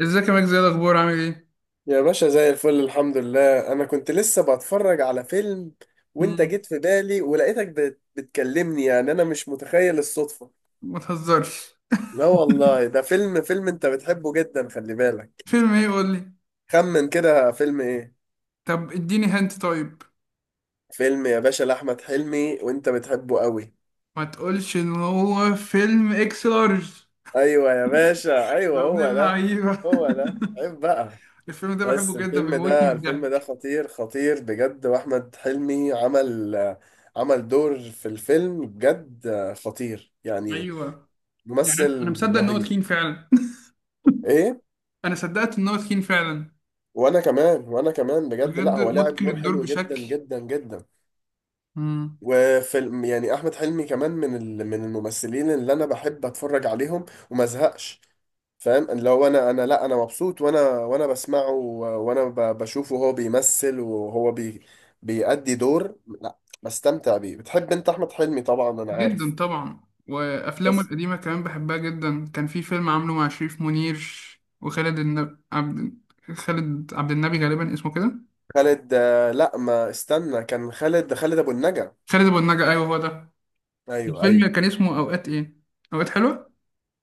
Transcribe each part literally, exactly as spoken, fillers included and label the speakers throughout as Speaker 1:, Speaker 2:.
Speaker 1: ازيك يا ماجد؟ زي الاخبار؟ عامل ايه؟
Speaker 2: يا باشا، زي الفل الحمد لله. انا كنت لسه بتفرج على فيلم وانت
Speaker 1: مم.
Speaker 2: جيت في بالي ولقيتك بت- بتكلمني، يعني انا مش متخيل الصدفة.
Speaker 1: ما تهزرش.
Speaker 2: لا والله، ده فيلم فيلم انت بتحبه جدا، خلي بالك.
Speaker 1: فيلم ايه؟ قول لي.
Speaker 2: خمن كده فيلم ايه؟
Speaker 1: طب اديني هنت طيب.
Speaker 2: فيلم يا باشا لأحمد حلمي، وانت بتحبه قوي.
Speaker 1: ما تقولش ان هو فيلم اكس لارج؟
Speaker 2: ايوه يا باشا،
Speaker 1: يا
Speaker 2: ايوه
Speaker 1: ابن
Speaker 2: هو ده.
Speaker 1: اللعيبه.
Speaker 2: هو ده؟ عيب بقى.
Speaker 1: الفيلم ده بحبه
Speaker 2: بس
Speaker 1: جدا،
Speaker 2: الفيلم
Speaker 1: بيموتني
Speaker 2: ده
Speaker 1: من
Speaker 2: الفيلم ده
Speaker 1: الضحك.
Speaker 2: خطير خطير بجد، واحمد حلمي عمل عمل دور في الفيلم بجد، خطير يعني.
Speaker 1: ايوه. يعني انا أنا
Speaker 2: ممثل
Speaker 1: مصدق ان هو
Speaker 2: رهيب.
Speaker 1: تخين فعلا.
Speaker 2: ايه؟
Speaker 1: انا صدقت ان هو تخين فعلا.
Speaker 2: وانا كمان، وانا كمان بجد. لا
Speaker 1: بجد
Speaker 2: هو لاعب
Speaker 1: متقن
Speaker 2: دور
Speaker 1: الدور
Speaker 2: حلو جدا
Speaker 1: بشكل.
Speaker 2: جدا جدا.
Speaker 1: مم.
Speaker 2: وفيلم يعني احمد حلمي كمان من ال- من الممثلين اللي انا بحب اتفرج عليهم وما ازهقش. فاهم اللي هو انا انا لا، انا مبسوط وانا وانا بسمعه و- وانا ب- بشوفه وهو بيمثل وهو بي بيأدي دور، لا بستمتع بيه. بتحب انت احمد حلمي؟ طبعا انا
Speaker 1: جدا
Speaker 2: عارف.
Speaker 1: طبعا. وافلامه
Speaker 2: بس
Speaker 1: القديمه كمان بحبها جدا. كان في فيلم عامله مع شريف منير وخالد النب... عبد، خالد عبد النبي غالبا اسمه كده.
Speaker 2: خالد، آه، لا ما استنى، كان خالد خالد ابو النجا.
Speaker 1: خالد ابو النجا، ايوه هو ده.
Speaker 2: ايوه، ايوه.
Speaker 1: الفيلم كان اسمه اوقات ايه، اوقات حلوه.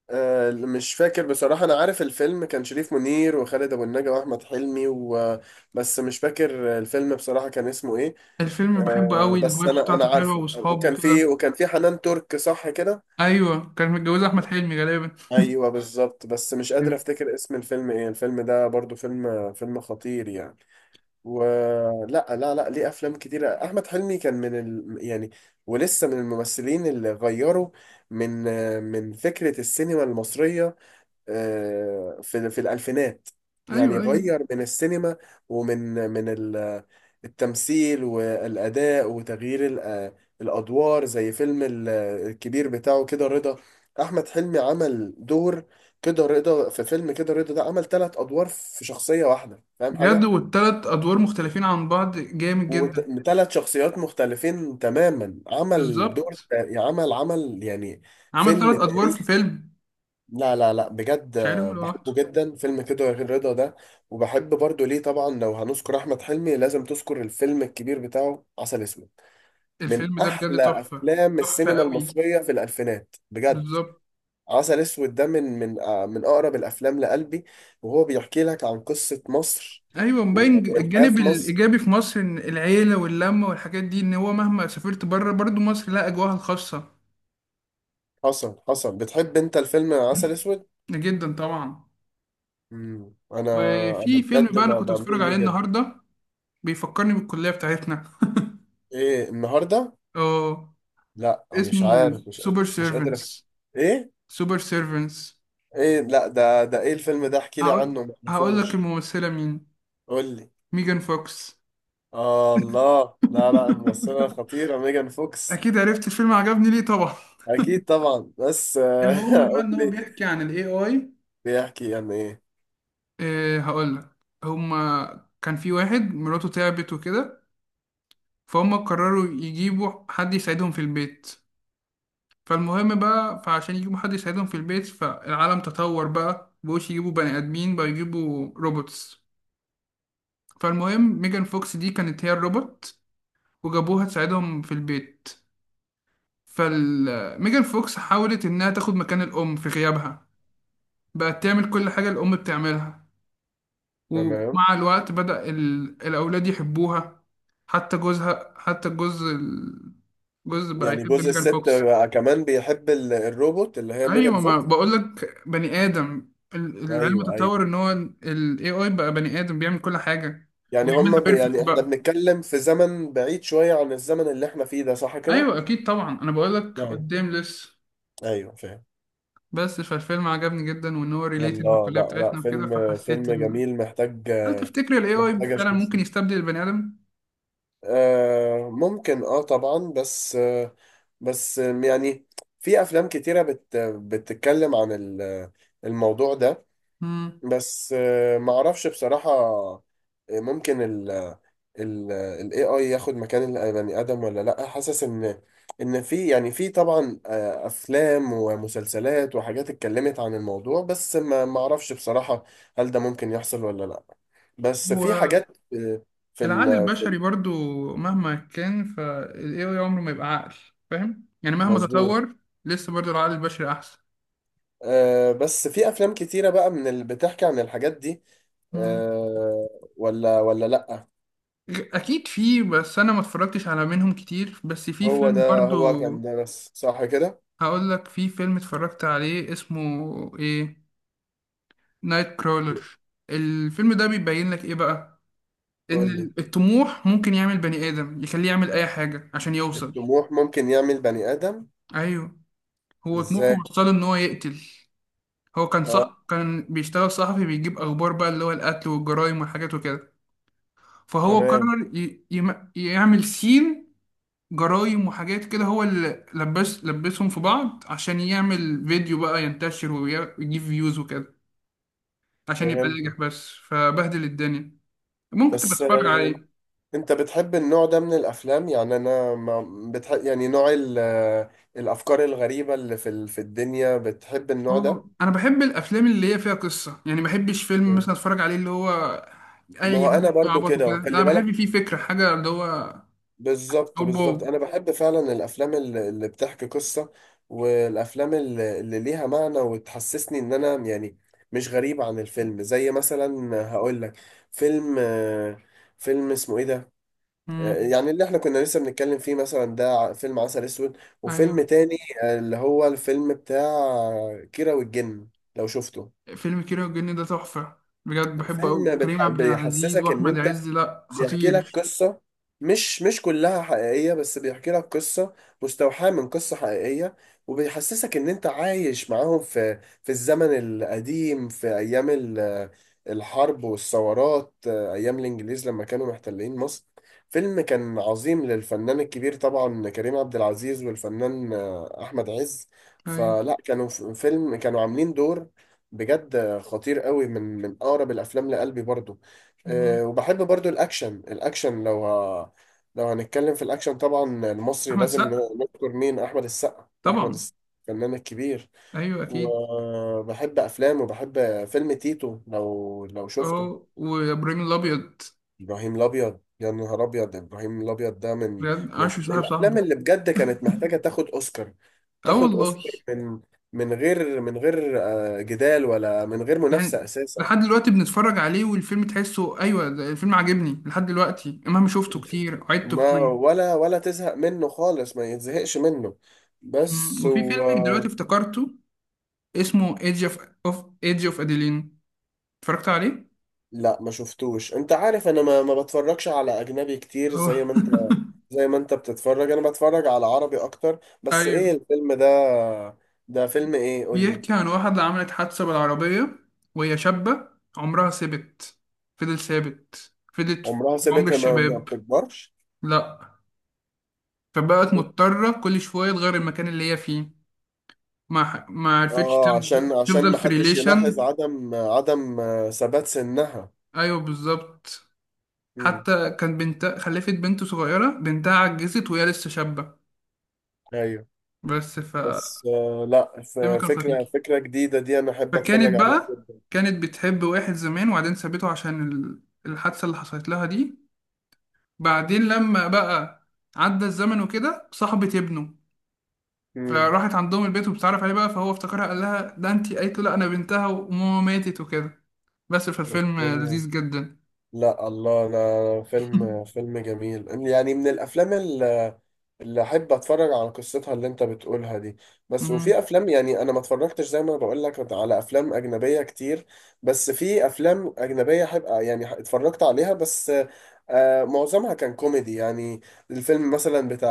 Speaker 2: آه، مش فاكر بصراحة. أنا عارف الفيلم كان شريف منير وخالد أبو النجا وأحمد حلمي و... بس مش فاكر الفيلم بصراحة كان اسمه إيه.
Speaker 1: الفيلم بحبه
Speaker 2: آه،
Speaker 1: قوي،
Speaker 2: بس
Speaker 1: الفايبس
Speaker 2: أنا أنا
Speaker 1: بتاعته حلوه
Speaker 2: عارفه،
Speaker 1: واصحابه
Speaker 2: وكان فيه
Speaker 1: كده.
Speaker 2: وكان فيه حنان ترك، صح كده؟
Speaker 1: ايوه، كان متجوز احمد حلمي غالبا.
Speaker 2: ايوه بالظبط، بس مش قادر افتكر اسم الفيلم ايه. الفيلم ده برضو فيلم فيلم خطير يعني، ولا؟ لا لا، ليه؟ افلام كتيره احمد حلمي، كان من ال... يعني ولسه من الممثلين اللي غيروا من من فكره السينما المصريه. آه، في في الألفينات.
Speaker 1: ايوه
Speaker 2: يعني
Speaker 1: ايوه.
Speaker 2: غير من السينما، ومن من ال- التمثيل والأداء وتغيير ال- الأدوار، زي فيلم ال- الكبير بتاعه كده رضا. أحمد حلمي عمل دور كده رضا. في فيلم كده رضا ده عمل ثلاث أدوار في شخصية واحدة، فاهم
Speaker 1: بجد،
Speaker 2: حاجة؟
Speaker 1: والتلات ادوار مختلفين عن بعض جامد جدا.
Speaker 2: وثلاث شخصيات مختلفين تماما. عمل دور،
Speaker 1: بالظبط.
Speaker 2: عمل عمل يعني.
Speaker 1: عمل تلات
Speaker 2: فيلم
Speaker 1: ادوار في
Speaker 2: تاريخي.
Speaker 1: فيلم.
Speaker 2: لا لا لا بجد، آه،
Speaker 1: شايلهم لوحده.
Speaker 2: بحبه جدا فيلم كده يا غير رضا ده. وبحب برضو ليه طبعا. لو هنذكر احمد حلمي لازم تذكر الفيلم الكبير بتاعه عسل اسود. من
Speaker 1: الفيلم ده بجد
Speaker 2: احلى
Speaker 1: تحفه.
Speaker 2: افلام
Speaker 1: تحفه
Speaker 2: السينما
Speaker 1: قوي.
Speaker 2: المصريه في الالفينات بجد.
Speaker 1: بالظبط.
Speaker 2: عسل اسود ده من من آه، من اقرب الافلام لقلبي. وهو بيحكي لك عن قصه مصر
Speaker 1: ايوه،
Speaker 2: و-
Speaker 1: مبين ج-
Speaker 2: والحياه
Speaker 1: الجانب
Speaker 2: في مصر.
Speaker 1: الايجابي في مصر، ان العيله واللمه والحاجات دي، ان هو مهما سافرت بره برضو مصر لها اجواءها الخاصه.
Speaker 2: حصل حصل، بتحب انت الفيلم عسل اسود؟
Speaker 1: جدا طبعا.
Speaker 2: مم. انا انا
Speaker 1: وفي فيلم
Speaker 2: بجد
Speaker 1: بقى انا
Speaker 2: ما
Speaker 1: كنت بتفرج
Speaker 2: بميل ليه
Speaker 1: عليه
Speaker 2: جدا.
Speaker 1: النهارده، بيفكرني بالكليه بتاعتنا.
Speaker 2: ايه النهارده؟
Speaker 1: اه.
Speaker 2: لا مش
Speaker 1: اسمه
Speaker 2: عارف، مش قادر
Speaker 1: سوبر
Speaker 2: مش قادر أفت...
Speaker 1: سيرفنس.
Speaker 2: ايه؟
Speaker 1: سوبر سيرفنس.
Speaker 2: ايه؟ لا ده ده ايه الفيلم ده؟ احكي لي
Speaker 1: هقول
Speaker 2: عنه، ما
Speaker 1: هقول لك
Speaker 2: اعرفوش.
Speaker 1: الممثله مين،
Speaker 2: قول لي.
Speaker 1: ميجان فوكس.
Speaker 2: آه الله، لا لا، الممثلة خطيرة ميجان فوكس.
Speaker 1: اكيد عرفت الفيلم عجبني ليه طبعا.
Speaker 2: اكيد طبعا، بس آه،
Speaker 1: المهم بقى
Speaker 2: قول
Speaker 1: ان هو
Speaker 2: لي.
Speaker 1: بيحكي عن الاي اي.
Speaker 2: بيحكي يعني ايه؟
Speaker 1: إيه؟ هقولك. هما كان في واحد مراته تعبت وكده، فهم قرروا يجيبوا حد يساعدهم في البيت. فالمهم بقى، فعشان يجيبوا حد يساعدهم في البيت، فالعالم تطور بقى، مبقوش يجيبوا بني آدمين، بقى يجيبوا روبوتس. فالمهم ميجان فوكس دي كانت هي الروبوت وجابوها تساعدهم في البيت. فال ميجان فوكس حاولت إنها تاخد مكان الأم في غيابها، بقت تعمل كل حاجة الأم بتعملها.
Speaker 2: تمام.
Speaker 1: ومع الوقت بدأ ال... الأولاد يحبوها. حتى جوزها، حتى الجوز ال- جوز بقى
Speaker 2: يعني
Speaker 1: يحب
Speaker 2: جزء
Speaker 1: ميجان
Speaker 2: الست
Speaker 1: فوكس.
Speaker 2: بقى كمان بيحب ال- الروبوت اللي هي ميجان
Speaker 1: أيوة، ما
Speaker 2: فوكس.
Speaker 1: بقولك بني آدم، ال- العلم
Speaker 2: ايوه،
Speaker 1: تطور
Speaker 2: ايوه.
Speaker 1: إن هو ال إيه آي بقى بني آدم بيعمل كل حاجة
Speaker 2: يعني هما
Speaker 1: وبيعملها
Speaker 2: بي
Speaker 1: بيرفكت
Speaker 2: يعني احنا
Speaker 1: بقى.
Speaker 2: بنتكلم في زمن بعيد شوية عن الزمن اللي احنا فيه ده، صح كده؟
Speaker 1: أيوة، أكيد طبعا، أنا بقولك
Speaker 2: ايوه،
Speaker 1: قدام لسه.
Speaker 2: ايوه، فاهم.
Speaker 1: بس فالفيلم عجبني جدا، وإن هو ريليتد
Speaker 2: الله،
Speaker 1: بالكلية
Speaker 2: لا لا،
Speaker 1: بتاعتنا وكده،
Speaker 2: فيلم
Speaker 1: فحسيت
Speaker 2: فيلم
Speaker 1: إن،
Speaker 2: جميل. محتاج
Speaker 1: هل تفتكر ال إيه آي
Speaker 2: محتاج
Speaker 1: فعلا
Speaker 2: اشوفه.
Speaker 1: ممكن يستبدل البني آدم؟
Speaker 2: آه ممكن، اه طبعا، بس آه بس يعني في افلام كتيرة بت بتتكلم عن ال- الموضوع ده.
Speaker 1: مم.
Speaker 2: بس آه، ما اعرفش بصراحة. آه، ممكن ال ال ال A I ياخد مكان البني آدم ولا لأ. حاسس ان ان في، يعني في طبعا آه، افلام ومسلسلات وحاجات اتكلمت عن الموضوع، بس ما ما اعرفش بصراحة. هل ده ممكن يحصل ولا لأ؟ بس في
Speaker 1: هو
Speaker 2: حاجات، آه، في
Speaker 1: العقل
Speaker 2: ال- في
Speaker 1: البشري برضو مهما كان، فال إيه آي عمره ما يبقى عقل. فاهم يعني مهما
Speaker 2: المظبوط.
Speaker 1: تطور لسه برضو العقل البشري أحسن.
Speaker 2: آه، بس في افلام كتيرة بقى من اللي بتحكي عن الحاجات دي.
Speaker 1: مم.
Speaker 2: آه، ولا، ولا لأ.
Speaker 1: أكيد في، بس أنا ما اتفرجتش على منهم كتير. بس في
Speaker 2: هو
Speaker 1: فيلم
Speaker 2: ده،
Speaker 1: برضو
Speaker 2: هو كان ده، بس صح كده؟
Speaker 1: هقول لك، في فيلم اتفرجت عليه اسمه إيه، نايت كرولر. الفيلم ده بيبين لك إيه بقى،
Speaker 2: قول لي.
Speaker 1: إن الطموح ممكن يعمل بني آدم، يخليه يعمل أي حاجة عشان يوصل.
Speaker 2: الطموح ممكن يعمل بني آدم؟
Speaker 1: أيوه، هو طموحه
Speaker 2: ازاي؟
Speaker 1: وصله إن هو يقتل. هو كان
Speaker 2: اه،
Speaker 1: صح، كان بيشتغل صحفي بيجيب اخبار بقى، اللي هو القتل والجرائم والحاجات وكده، فهو
Speaker 2: تمام،
Speaker 1: قرر ي... يم... يعمل سين جرائم وحاجات كده، هو اللي لبس لبسهم في بعض عشان يعمل فيديو بقى ينتشر وي- ويجيب فيوز وكده عشان يبقى
Speaker 2: فهمت.
Speaker 1: ناجح، بس فبهدل الدنيا. ممكن تبقى
Speaker 2: بس
Speaker 1: تتفرج
Speaker 2: آه،
Speaker 1: عليه.
Speaker 2: انت بتحب النوع ده من الافلام؟ يعني انا ما بتحب يعني نوع ال- آه، الافكار الغريبة اللي في ال- في الدنيا، بتحب النوع ده؟
Speaker 1: اه انا بحب الافلام اللي هي فيها قصة، يعني ما بحبش فيلم مثلا اتفرج عليه اللي هو
Speaker 2: ما
Speaker 1: اي
Speaker 2: هو
Speaker 1: هبل
Speaker 2: انا برضو
Speaker 1: وعبط
Speaker 2: كده،
Speaker 1: وكده، لا
Speaker 2: وخلي بالك.
Speaker 1: بحب فيه فكرة حاجة اللي هو.
Speaker 2: بالظبط
Speaker 1: او بو.
Speaker 2: بالظبط، انا بحب فعلا الافلام الل- اللي بتحكي قصة. والافلام الل- اللي ليها معنى وتحسسني ان انا يعني مش غريب عن الفيلم، زي مثلا هقول لك فيلم، آه، فيلم اسمه ايه ده؟ آه،
Speaker 1: مم.
Speaker 2: يعني اللي احنا كنا لسه بنتكلم فيه مثلا ده، ع- فيلم عسل اسود، وفيلم
Speaker 1: ايوه،
Speaker 2: تاني آه، اللي هو الفيلم بتاع كيرة والجن، لو شفته.
Speaker 1: فيلم كيرة والجن ده تحفة. بجد بحبه أوي،
Speaker 2: فيلم
Speaker 1: كريم
Speaker 2: بتح...
Speaker 1: عبد العزيز
Speaker 2: بيحسسك ان
Speaker 1: وأحمد
Speaker 2: انت،
Speaker 1: عز، لأ
Speaker 2: بيحكي لك
Speaker 1: خطير.
Speaker 2: قصة، مش مش كلها حقيقية، بس بيحكي لك قصة مستوحاة من قصة حقيقية. وبيحسسك إن أنت عايش معاهم في في الزمن القديم، في أيام ال- الحرب والثورات، أيام الإنجليز لما كانوا محتلين مصر. فيلم كان عظيم للفنان الكبير طبعا كريم عبد العزيز، والفنان آه، أحمد عز.
Speaker 1: أيوة.
Speaker 2: فلا كانوا، ف- فيلم كانوا عاملين دور بجد خطير قوي، من من أقرب الأفلام لقلبي برضو.
Speaker 1: مم.
Speaker 2: آه، وبحب برضو الاكشن. الاكشن لو ه... لو هنتكلم في الاكشن طبعا، المصري
Speaker 1: أحمد
Speaker 2: لازم ن-
Speaker 1: سقا.
Speaker 2: نذكر مين؟ احمد السقا، احمد
Speaker 1: طبعا.
Speaker 2: السقا الفنان الكبير.
Speaker 1: أيوة أكيد.
Speaker 2: وبحب افلامه، وبحب فيلم تيتو، لو لو شفته.
Speaker 1: أه، وإبراهيم الأبيض.
Speaker 2: ابراهيم الابيض، يا نهار ابيض، ابراهيم الابيض ده من
Speaker 1: بجد
Speaker 2: من
Speaker 1: عاشر
Speaker 2: من
Speaker 1: صاحب
Speaker 2: الافلام
Speaker 1: صاحبه.
Speaker 2: اللي بجد كانت محتاجه تاخد اوسكار.
Speaker 1: أه
Speaker 2: تاخد
Speaker 1: والله.
Speaker 2: اوسكار، من من غير، من غير آه، جدال، ولا من غير منافسه
Speaker 1: يعني
Speaker 2: اساسا.
Speaker 1: لحد دلوقتي بنتفرج عليه والفيلم تحسه، أيوة ده الفيلم عاجبني لحد دلوقتي مهما شفته كتير، عدته
Speaker 2: ما
Speaker 1: كتير.
Speaker 2: ولا ولا تزهق منه خالص، ما يتزهقش منه.
Speaker 1: مم.
Speaker 2: بس
Speaker 1: وفي
Speaker 2: و...
Speaker 1: فيلم دلوقتي افتكرته، اسمه ايدج اوف، اوف ايدج اوف اديلين. اتفرجت عليه؟
Speaker 2: لا ما شفتوش، انت عارف انا ما ما بتفرجش على اجنبي كتير
Speaker 1: اه.
Speaker 2: زي ما انت زي ما انت بتتفرج، انا بتفرج على عربي اكتر. بس ايه
Speaker 1: ايوه.
Speaker 2: الفيلم ده؟ ده فيلم ايه؟ قول لي.
Speaker 1: بيحكي عن واحدة عملت حادثة بالعربية وهي شابة، عمرها ثابت، فضل ثابت فضلت في
Speaker 2: عمرها
Speaker 1: عمر
Speaker 2: سابتها، ما ما
Speaker 1: الشباب.
Speaker 2: بتكبرش.
Speaker 1: لأ. فبقت مضطرة كل شوية تغير المكان اللي هي فيه، ما ح- ما عرفتش
Speaker 2: اه،
Speaker 1: تفض-
Speaker 2: عشان عشان
Speaker 1: تفضل
Speaker 2: ما
Speaker 1: في
Speaker 2: حدش يلاحظ
Speaker 1: ريليشن.
Speaker 2: عدم عدم ثبات سنها.
Speaker 1: أيوه بالظبط.
Speaker 2: امم.
Speaker 1: حتى كان بنت خلفت بنت صغيرة، بنتها عجزت وهي لسه شابة.
Speaker 2: ايوه،
Speaker 1: بس ف
Speaker 2: بس آه، لا، ف-
Speaker 1: الفيلم كان
Speaker 2: فكرة
Speaker 1: خطير.
Speaker 2: فكرة جديدة دي أنا أحب أتفرج
Speaker 1: فكانت
Speaker 2: عليها
Speaker 1: بقى
Speaker 2: جدا.
Speaker 1: كانت بتحب واحد زمان وبعدين سابته عشان ال- الحادثة اللي حصلت لها دي. بعدين لما بقى عدى الزمن وكده صاحبة ابنه،
Speaker 2: امم.
Speaker 1: فراحت عندهم البيت وبتعرف عليه بقى، فهو افتكرها قال لها ده انتي، قالت له لا انا بنتها وماما ماتت وكده. بس فالفيلم
Speaker 2: أوكي.
Speaker 1: لذيذ جدا.
Speaker 2: لا الله، انا فيلم فيلم جميل، يعني من الافلام اللي اللي احب اتفرج على قصتها اللي انت بتقولها دي. بس وفي
Speaker 1: مم.
Speaker 2: افلام يعني انا ما اتفرجتش، زي ما أنا بقول لك، على افلام اجنبيه كتير. بس في افلام اجنبيه احب، يعني اتفرجت عليها. بس آه معظمها كان كوميدي يعني. الفيلم مثلا بتاع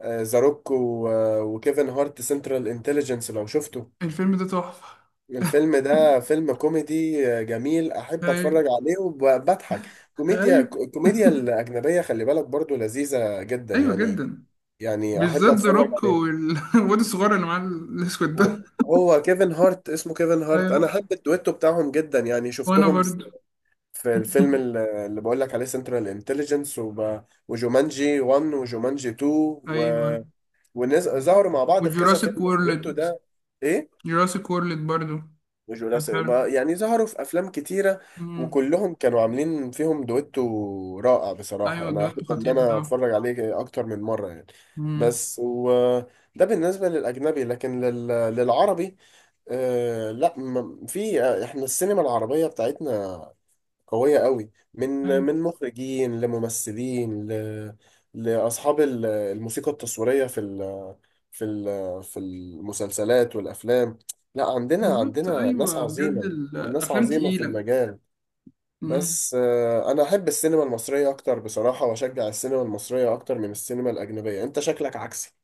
Speaker 2: آه، ذا روك وكيفن هارت، سنترال انتليجنس، لو شفته.
Speaker 1: الفيلم ده تحفة.
Speaker 2: الفيلم ده فيلم كوميدي آه، جميل، احب
Speaker 1: ايوه
Speaker 2: اتفرج عليه وبضحك. كوميديا
Speaker 1: ايوه.
Speaker 2: الكوميديا الاجنبيه، خلي بالك، برضو لذيذه جدا
Speaker 1: ايوه
Speaker 2: يعني.
Speaker 1: جدا.
Speaker 2: يعني احب
Speaker 1: بالذات ذا
Speaker 2: اتفرج
Speaker 1: روك
Speaker 2: عليه.
Speaker 1: والواد الصغير اللي معاه الاسود ده.
Speaker 2: هو كيفن هارت، اسمه كيفن هارت. انا
Speaker 1: ايوه،
Speaker 2: احب الدويتو بتاعهم جدا، يعني
Speaker 1: وانا
Speaker 2: شفتهم في
Speaker 1: برضو.
Speaker 2: في الفيلم ال- اللي بقول لك عليه سنترال انتليجنس، وجومانجي واحد وجومانجي اتنين و...
Speaker 1: ايوه.
Speaker 2: ونز... ظهروا مع بعض في كذا فيلم
Speaker 1: وجوراسيك
Speaker 2: الدويتو
Speaker 1: وورلد.
Speaker 2: ده. ايه،
Speaker 1: جوراسيك وورلد برضو.
Speaker 2: جوجو
Speaker 1: كان
Speaker 2: لاسا،
Speaker 1: حلو.
Speaker 2: ما- يعني ظهروا في افلام كتيره.
Speaker 1: مم.
Speaker 2: وكلهم كانوا عاملين فيهم دويتو رائع
Speaker 1: ايوه
Speaker 2: بصراحه. انا
Speaker 1: الدويتو
Speaker 2: احب ان
Speaker 1: خطير
Speaker 2: انا
Speaker 1: بتاعه.
Speaker 2: اتفرج عليه اكتر من مره يعني.
Speaker 1: مم.
Speaker 2: بس وده بالنسبه للاجنبي، لكن لل... للعربي، آه لا، ما- في احنا السينما العربيه بتاعتنا قوية قوي، من
Speaker 1: أيوة.
Speaker 2: من مخرجين لممثلين، ل... لأصحاب ال- الموسيقى التصويرية في ال... في ال... في المسلسلات والأفلام. لا، عندنا
Speaker 1: بالظبط.
Speaker 2: عندنا ناس
Speaker 1: ايوه بجد،
Speaker 2: عظيمة، ناس
Speaker 1: الافلام
Speaker 2: عظيمة في
Speaker 1: تقيله.
Speaker 2: المجال.
Speaker 1: مم.
Speaker 2: بس آه، أنا أحب السينما المصرية أكتر بصراحة، وأشجع السينما المصرية أكتر من السينما الأجنبية، أنت شكلك عكسي.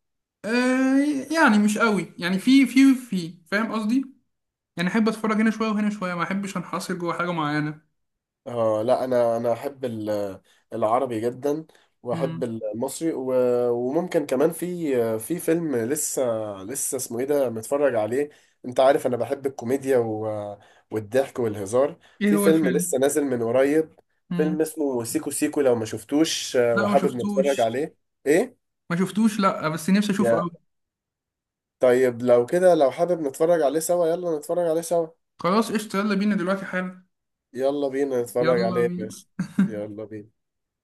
Speaker 1: آه يعني مش قوي، يعني في في في فاهم قصدي، يعني احب اتفرج هنا شويه وهنا شويه، ما احبش انحصر جوه حاجه معينه.
Speaker 2: اه لا، انا انا احب ال- العربي جدا،
Speaker 1: مم.
Speaker 2: واحب المصري و- وممكن كمان في في فيلم لسه، لسه اسمه ايه ده متفرج عليه. انت عارف انا بحب الكوميديا و- والضحك والهزار.
Speaker 1: ايه
Speaker 2: في
Speaker 1: هو
Speaker 2: فيلم
Speaker 1: الفيلم؟
Speaker 2: لسه نازل من قريب،
Speaker 1: مم.
Speaker 2: فيلم اسمه سيكو سيكو، لو ما شفتوش آه،
Speaker 1: لا ما
Speaker 2: وحابب نتفرج
Speaker 1: شفتوش.
Speaker 2: عليه. ايه؟
Speaker 1: ما شفتوش، لا بس نفسي اشوفه قوي.
Speaker 2: يا، طيب لو كده، لو حابب نتفرج عليه سوا يلا نتفرج عليه سوا.
Speaker 1: خلاص قشطه، يلا بينا دلوقتي حالا.
Speaker 2: يلا بينا نتفرج عليه
Speaker 1: يلا
Speaker 2: يا
Speaker 1: بينا.
Speaker 2: باشا، يلا بينا.